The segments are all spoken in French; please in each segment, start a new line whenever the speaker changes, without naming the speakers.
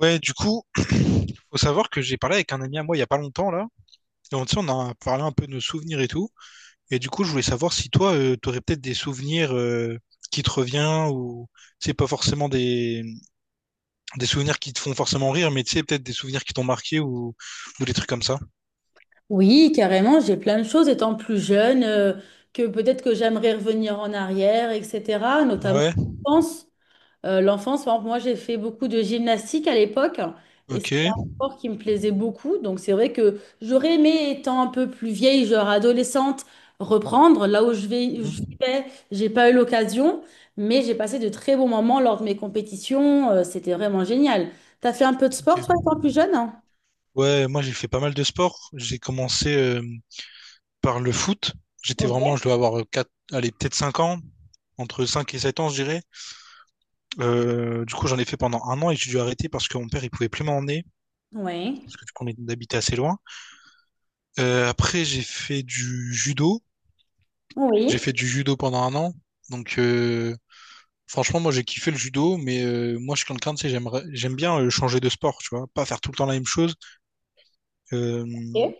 Ouais, du coup, faut savoir que j'ai parlé avec un ami à moi il y a pas longtemps là. Et tu sais, on a parlé un peu de nos souvenirs et tout. Et du coup, je voulais savoir si toi, t'aurais peut-être des souvenirs qui te reviennent ou tu sais pas forcément des souvenirs qui te font forcément rire, mais tu sais peut-être des souvenirs qui t'ont marqué ou des trucs comme ça.
Oui, carrément, j'ai plein de choses étant plus jeune, que peut-être que j'aimerais revenir en arrière, etc. Notamment
Ouais.
l'enfance. L'enfance, par exemple, moi j'ai fait beaucoup de gymnastique à l'époque, et c'est
Ok.
un sport qui me plaisait beaucoup. Donc c'est vrai que j'aurais aimé, étant un peu plus vieille, genre adolescente, reprendre là où je vais, où je
Hmm,
vivais, j'ai pas eu l'occasion, mais j'ai passé de très bons moments lors de mes compétitions. C'était vraiment génial. T'as fait un peu de sport, toi,
ok.
étant plus jeune? Hein.
Ouais, moi j'ai fait pas mal de sport. J'ai commencé par le foot. J'étais
Ok.
vraiment, je dois avoir 4, allez peut-être 5 ans, entre 5 et 7 ans, je dirais. Du coup, j'en ai fait pendant un an et j'ai dû arrêter parce que mon père, il pouvait plus m'emmener,
Oui.
parce que du coup, on habitait assez loin. Après, j'ai fait du judo. J'ai
Oui.
fait du judo pendant un an. Donc, franchement, moi, j'ai kiffé le judo, mais moi, je suis quelqu'un, tu sais, j'aime bien changer de sport, tu vois, pas faire tout le temps la même chose. Euh,
Ok.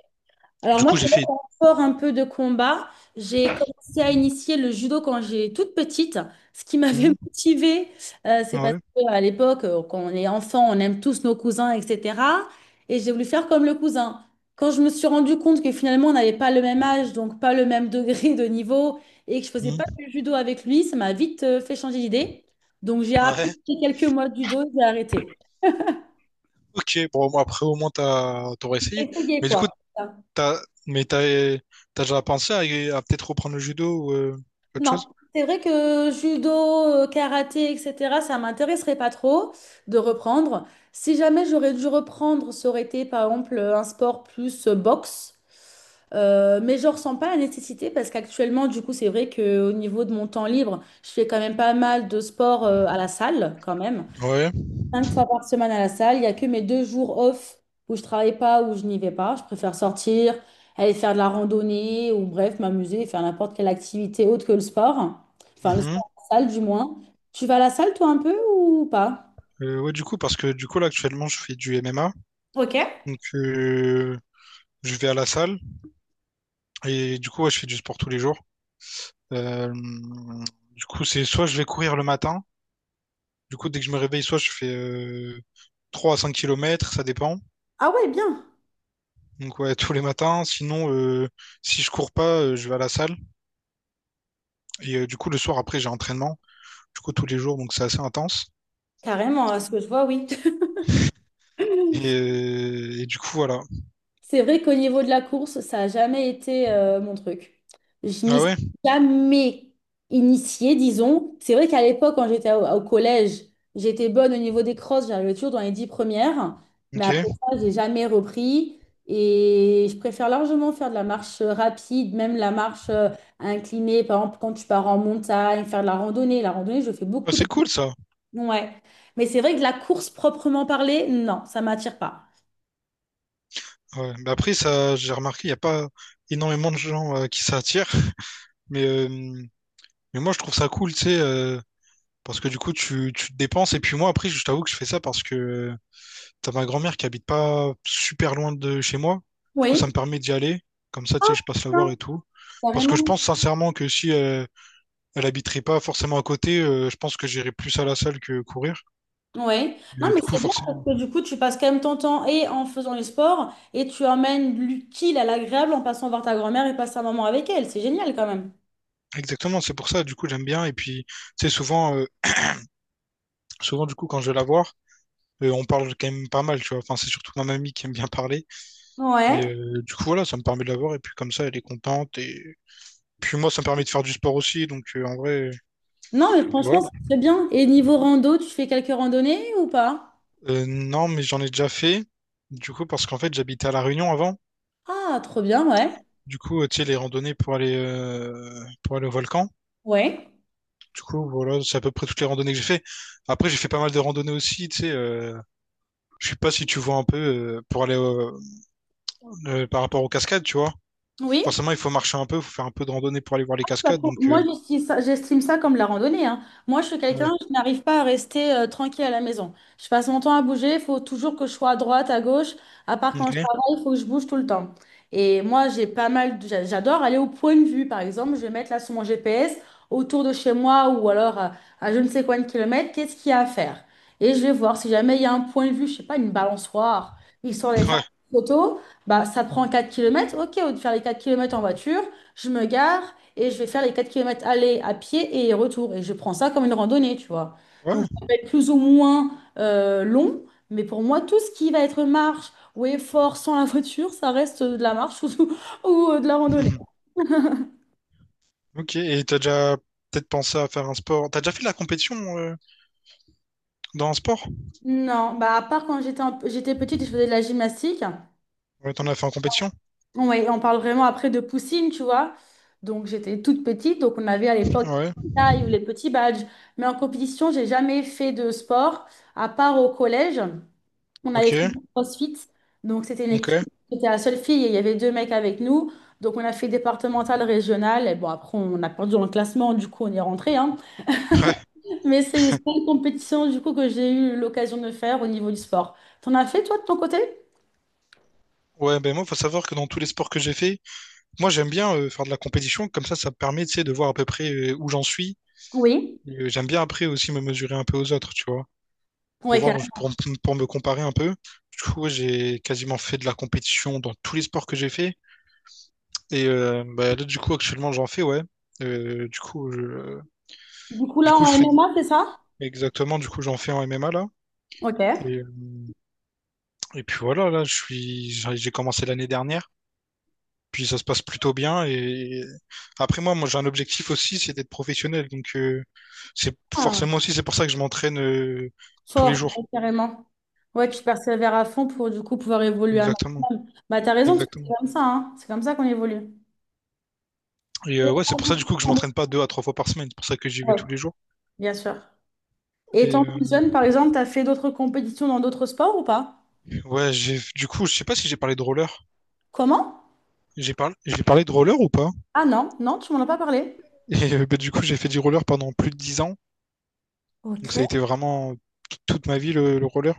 Alors
du
moi,
coup, j'ai
c'est
fait...
un sport un peu de combat. J'ai commencé à initier le judo quand j'ai toute petite. Ce qui m'avait
Hmm,
motivée, c'est parce
ouais,
qu'à l'époque, quand on est enfant, on aime tous nos cousins, etc. Et j'ai voulu faire comme le cousin. Quand je me suis rendu compte que finalement, on n'avait pas le même âge, donc pas le même degré de niveau, et que je faisais pas
hmm,
du judo avec lui, ça m'a vite fait changer d'idée. Donc j'ai appris
ouais.
quelques mois de judo, j'ai arrêté.
Ok, bon, moi, après, au moins, t'aurais essayé.
Essayez
Mais du
quoi.
coup, t'as, mais t'as, t'as déjà pensé à peut-être reprendre le judo ou autre
Non,
chose?
c'est vrai que judo, karaté, etc., ça m'intéresserait pas trop de reprendre. Si jamais j'aurais dû reprendre, ça aurait été par exemple un sport plus boxe. Mais je ressens pas la nécessité parce qu'actuellement, du coup, c'est vrai qu'au niveau de mon temps libre, je fais quand même pas mal de sport à la salle quand même.
Ouais.
Cinq fois par semaine à la salle. Il n'y a que mes 2 jours off où je travaille pas, où je n'y vais pas. Je préfère sortir, aller faire de la randonnée ou bref, m'amuser, faire n'importe quelle activité autre que le sport. Enfin, le sport à la salle du moins. Tu vas à la salle toi un peu ou pas?
Ouais, du coup, parce que du coup, là, actuellement, je fais du MMA.
Ok.
Donc, je vais à la salle et du coup, ouais, je fais du sport tous les jours. Euh, du coup, c'est soit je vais courir le matin. Du coup, dès que je me réveille, soit je fais 3 à 5 kilomètres ça dépend.
Ah ouais, bien.
Donc, ouais, tous les matins. Sinon, si je cours pas, je vais à la salle. Et du coup, le soir, après, j'ai entraînement. Du coup, tous les jours, donc c'est assez intense.
Carrément, à ce que je vois, oui.
Et, euh, et du coup, voilà.
C'est vrai qu'au niveau de la course, ça n'a jamais été mon truc. Je n'y
Ah
suis
ouais,
jamais initiée, disons. C'est vrai qu'à l'époque, quand j'étais au collège, j'étais bonne au niveau des crosses, j'arrivais toujours dans les 10 premières. Mais après
ok.
ça, j'ai jamais repris. Et je préfère largement faire de la marche rapide, même la marche inclinée. Par exemple, quand tu pars en montagne, faire de la randonnée. La randonnée, je fais
Ah,
beaucoup de
c'est cool ça.
randonnée. Ouais. Mais c'est vrai que la course proprement parlée, non, ça m'attire pas.
Ouais, mais après, ça, j'ai remarqué, il n'y a pas énormément de gens qui s'attirent. Mais, euh, mais moi, je trouve ça cool, tu sais, parce que du coup, tu te dépenses. Et puis moi, après, je t'avoue que je fais ça parce que t'as ma grand-mère qui habite pas super loin de chez moi. Du coup,
Oui,
ça me permet d'y aller. Comme ça, tu sais, je passe la voir et tout. Parce que je
carrément.
pense sincèrement que si elle habiterait pas forcément à côté, je pense que j'irais plus à la salle que courir.
Ouais. Non,
Et
mais
du coup,
c'est bien
forcément.
parce que du coup, tu passes quand même ton temps et en faisant le sport et tu emmènes l'utile à l'agréable en passant voir ta grand-mère et passer un moment avec elle. C'est génial quand même.
Exactement, c'est pour ça. Du coup, j'aime bien. Et puis, tu sais, souvent, du coup, quand je vais la voir, et on parle quand même pas mal, tu vois. Enfin, c'est surtout ma mamie qui aime bien parler. Mais
Ouais.
du coup, voilà, ça me permet de la voir et puis comme ça, elle est contente. Et puis moi, ça me permet de faire du sport aussi. Donc en vrai,
Non, mais
voilà.
franchement, c'est très bien. Et niveau rando, tu fais quelques randonnées ou pas?
Non, mais j'en ai déjà fait. Du coup, parce qu'en fait, j'habitais à La Réunion avant.
Ah, trop bien, ouais.
Du coup, tu sais, les randonnées pour aller au volcan.
Ouais.
Du coup, voilà, c'est à peu près toutes les randonnées que j'ai fait. Après, j'ai fait pas mal de randonnées aussi, tu sais. Je sais pas si tu vois un peu par rapport aux cascades, tu vois.
Oui?
Forcément, il faut marcher un peu, il faut faire un peu de randonnée pour aller voir les
Bah,
cascades. Donc,
moi, j'estime ça comme la randonnée, hein. Moi, je suis
ouais.
quelqu'un, je n'arrive pas à rester tranquille à la maison. Je passe mon temps à bouger, il faut toujours que je sois à droite, à gauche. À part quand je
Ok.
travaille, il faut que je bouge tout le temps. Et moi, j'ai pas mal, j'adore aller au point de vue, par exemple. Je vais mettre là sur mon GPS, autour de chez moi ou alors à je ne sais combien de kilomètres, qu'est-ce qu'il y a à faire? Et je vais voir si jamais il y a un point de vue, je sais pas, une balançoire, histoire d'aller faire
Ouais.
une photo, bah, ça prend 4 kilomètres. Ok, au lieu de faire les 4 kilomètres en voiture, je me gare et je vais faire les 4 kilomètres aller à pied et retour. Et je prends ça comme une randonnée, tu vois. Donc,
Ouais.
ça peut être plus ou moins long, mais pour moi, tout ce qui va être marche ou effort sans la voiture, ça reste de la marche ou de la randonnée.
Mhm. Ok. Et t'as déjà peut-être pensé à faire un sport. T'as déjà fait de la compétition dans un sport?
Non, bah à part quand j'étais j'étais petite, je faisais de la gymnastique.
Ouais, t'en as fait en compétition?
Ouais, on parle vraiment après de poussine, tu vois. Donc j'étais toute petite, donc on avait à l'époque les
Ouais.
petites tailles ou les petits badges. Mais en compétition, j'ai jamais fait de sport, à part au collège. On avait
Ok.
fait du CrossFit, donc c'était une
Ok.
équipe, j'étais la seule fille et il y avait deux mecs avec nous. Donc on a fait départemental, régional, et bon après on a perdu dans le classement, du coup on est rentré. Hein.
Ouais.
Mais c'est une compétition du coup que j'ai eu l'occasion de faire au niveau du sport. T'en as fait toi de ton côté?
Ouais, ben moi, faut savoir que dans tous les sports que j'ai fait, moi j'aime bien faire de la compétition, comme ça me permet, tu sais, de voir à peu près où j'en suis.
Oui.
J'aime bien après aussi me mesurer un peu aux autres, tu vois, pour
Oui,
voir,
carrément.
pour me comparer un peu. Du coup, ouais, j'ai quasiment fait de la compétition dans tous les sports que j'ai fait. Et bah, là, du coup, actuellement, j'en fais, ouais. Euh, du coup, je
Du coup
Du
là
coup,
en
je fais
MMA, c'est ça?
exactement, du coup, j'en fais en MMA là.
Ok.
Et, et puis voilà, là, j'ai commencé l'année dernière. Puis ça se passe plutôt bien. Et après, moi, j'ai un objectif aussi, c'est d'être professionnel. Donc, c'est
Ah,
forcément aussi, c'est pour ça que je m'entraîne tous les
fort, ouais,
jours.
carrément. Ouais, tu persévères à fond pour du coup pouvoir évoluer un
Exactement.
maximum. Bah t'as raison, parce que c'est
Exactement.
comme ça, hein. C'est comme ça qu'on évolue.
Et ouais, c'est pour ça, du coup, que je m'entraîne pas deux à trois fois par semaine. C'est pour ça que j'y vais
Ouais,
tous les jours.
bien sûr. Et
Et
étant
euh,
plus jeune, par exemple, t'as fait d'autres compétitions dans d'autres sports ou pas?
ouais, du coup, je sais pas si j'ai parlé de roller.
Comment?
J'ai parlé de roller ou pas?
Ah non, non, tu m'en as pas parlé.
Et bah, du coup, j'ai fait du roller pendant plus de 10 ans. Donc ça a
Ok.
été vraiment toute ma vie le roller.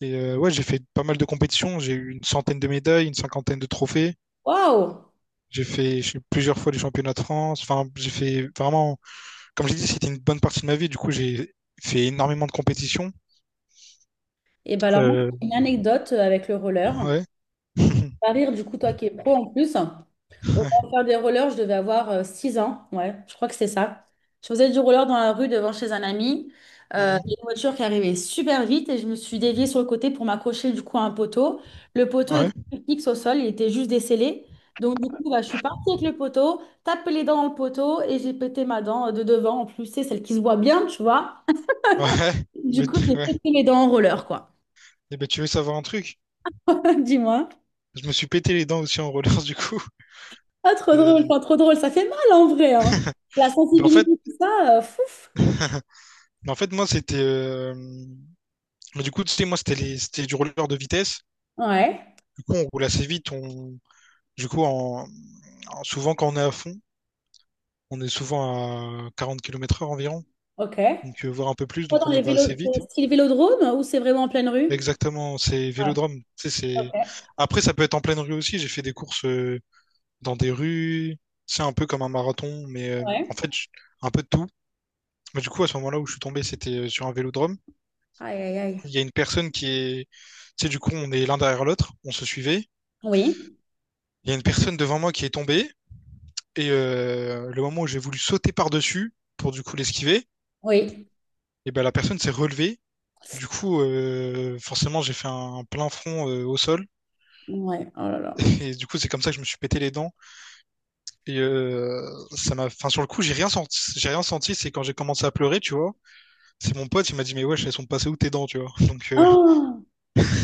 Et ouais, j'ai fait pas mal de compétitions. J'ai eu une centaine de médailles, une cinquantaine de trophées.
Waouh!
J'ai eu plusieurs fois les championnats de France. Enfin, j'ai fait vraiment, comme j'ai dit, c'était une bonne partie de ma vie. Du coup, j'ai fait énormément de compétitions.
Et ben alors, moi,
Euh,
j'ai une anecdote avec le roller.
ouais.
Va rire, du coup, toi qui es pro en plus. Au moment de faire des rollers, je devais avoir 6 ans. Ouais, je crois que c'est ça. Je faisais du roller dans la rue devant chez un ami. Il y
Mhm.
a une voiture qui arrivait super vite et je me suis déviée sur le côté pour m'accrocher du coup à un poteau. Le poteau
Ouais.
était fixe au sol, il était juste décellé. Donc du coup, bah, je suis partie avec le poteau, tapé les dents dans le poteau et j'ai pété ma dent de devant, en plus, c'est celle qui se voit bien, tu vois.
Ouais.
Du
Mais,
coup,
tu-
j'ai
ouais.
pété les dents en roller, quoi.
Et ben, tu veux savoir un truc?
Dis-moi.
Je me suis pété les dents aussi en roller, du coup.
Ah, trop drôle,
Euh,
pas trop drôle. Ça fait mal en vrai, hein. La
mais en fait,
sensibilité, tout ça, fouf.
mais en fait, moi, c'était, Mais du coup, tu sais, moi, c'était du roller de vitesse.
Ouais,
Du coup, on roule assez vite. Du coup, souvent quand on est à fond, on est souvent à 40 km/h environ,
ok.
donc voire un peu plus,
Pas
donc
dans
on
les
va
vélos,
assez
c'est
vite.
style vélodrome ou c'est vraiment en pleine rue?
Exactement, c'est
Ouais,
vélodrome. Tu sais,
ok,
c'est... Après, ça peut être en pleine rue aussi. J'ai fait des courses dans des rues. C'est un peu comme un marathon, mais en
ouais.
fait, un peu de tout. Mais du coup, à ce moment-là où je suis tombé, c'était sur un vélodrome.
Aïe, aïe, aïe.
Il y a une personne. Tu sais, du coup, on est l'un derrière l'autre, on se suivait.
Oui,
Il y a une personne devant moi qui est tombée. Le moment où j'ai voulu sauter par-dessus pour du coup l'esquiver,
oui.
et ben la personne s'est relevée. Du coup, forcément, j'ai fait un plein front au sol.
Ouais, oh là là.
Et du coup, c'est comme ça que je me suis pété les dents. Et ça enfin, sur le coup, j'ai rien senti. J'ai rien senti. C'est quand j'ai commencé à pleurer, tu vois. C'est mon pote, il m'a dit, mais wesh, elles sont passées où tes dents, tu vois.
Oh,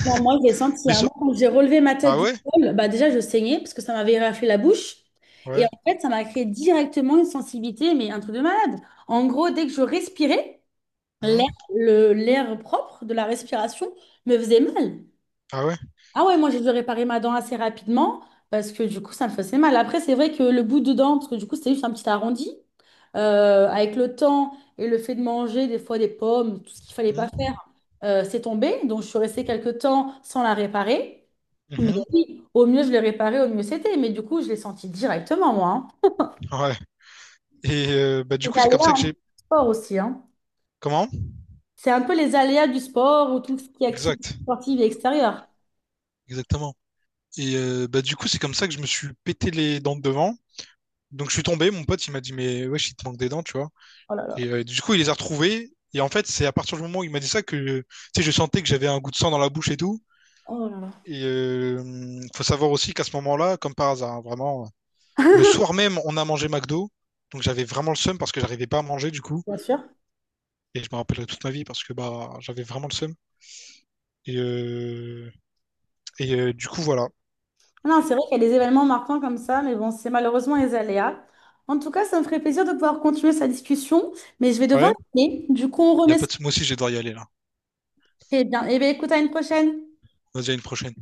non, moi, j'ai senti
mais
un
so-
moment quand j'ai relevé ma tête
ah
du
ouais,
sol, bah déjà, je saignais parce que ça m'avait raflé la bouche. Et
ouais,
en fait, ça m'a créé directement une sensibilité, mais un truc de malade. En gros, dès que je respirais,
hmm,
l'air, l'air propre de la respiration me faisait mal.
ah ouais,
Ah ouais, moi j'ai dû réparer ma dent assez rapidement parce que du coup ça me faisait mal. Après, c'est vrai que le bout de dent, parce que du coup c'était juste un petit arrondi, avec le temps et le fait de manger des fois des pommes, tout ce qu'il fallait pas
hmm,
faire, c'est tombé. Donc je suis restée quelques temps sans la réparer. Mais
mhm,
oui, au mieux je l'ai réparée, au mieux c'était. Mais du coup je l'ai senti directement moi. Hein.
ouais. Et bah du
Les
coup, c'est comme ça
aléas
que
hein,
j'ai.
du sport aussi. Hein.
Comment?
C'est un peu les aléas du sport ou tout ce qui est activité
Exact,
sportive et extérieure.
exactement. Et bah, du coup, c'est comme ça que je me suis pété les dents de devant. Donc je suis tombé, mon pote, il m'a dit, mais ouais, il te manque des dents, tu vois.
Oh là là.
Et du coup, il les a retrouvées. Et en fait, c'est à partir du moment où il m'a dit ça que tu sais, je sentais que j'avais un goût de sang dans la bouche et tout.
Oh là là.
Et faut savoir aussi qu'à ce moment-là, comme par hasard, hein, vraiment, le soir même, on a mangé McDo. Donc j'avais vraiment le seum parce que j'arrivais pas à manger du coup.
Bien sûr.
Et je me rappellerai toute ma vie parce que bah j'avais vraiment le seum. Et, euh, et du coup, voilà.
Ah, non, c'est vrai qu'il y a des événements marquants comme ça, mais bon, c'est malheureusement les aléas. En tout cas, ça me ferait plaisir de pouvoir continuer sa discussion, mais je vais devoir
Ouais.
y aller. Du coup, on
Y a
remet ça.
pas de... Moi aussi, je vais devoir y aller là.
Eh bien, écoute, à une prochaine.
Vas-y, à une prochaine.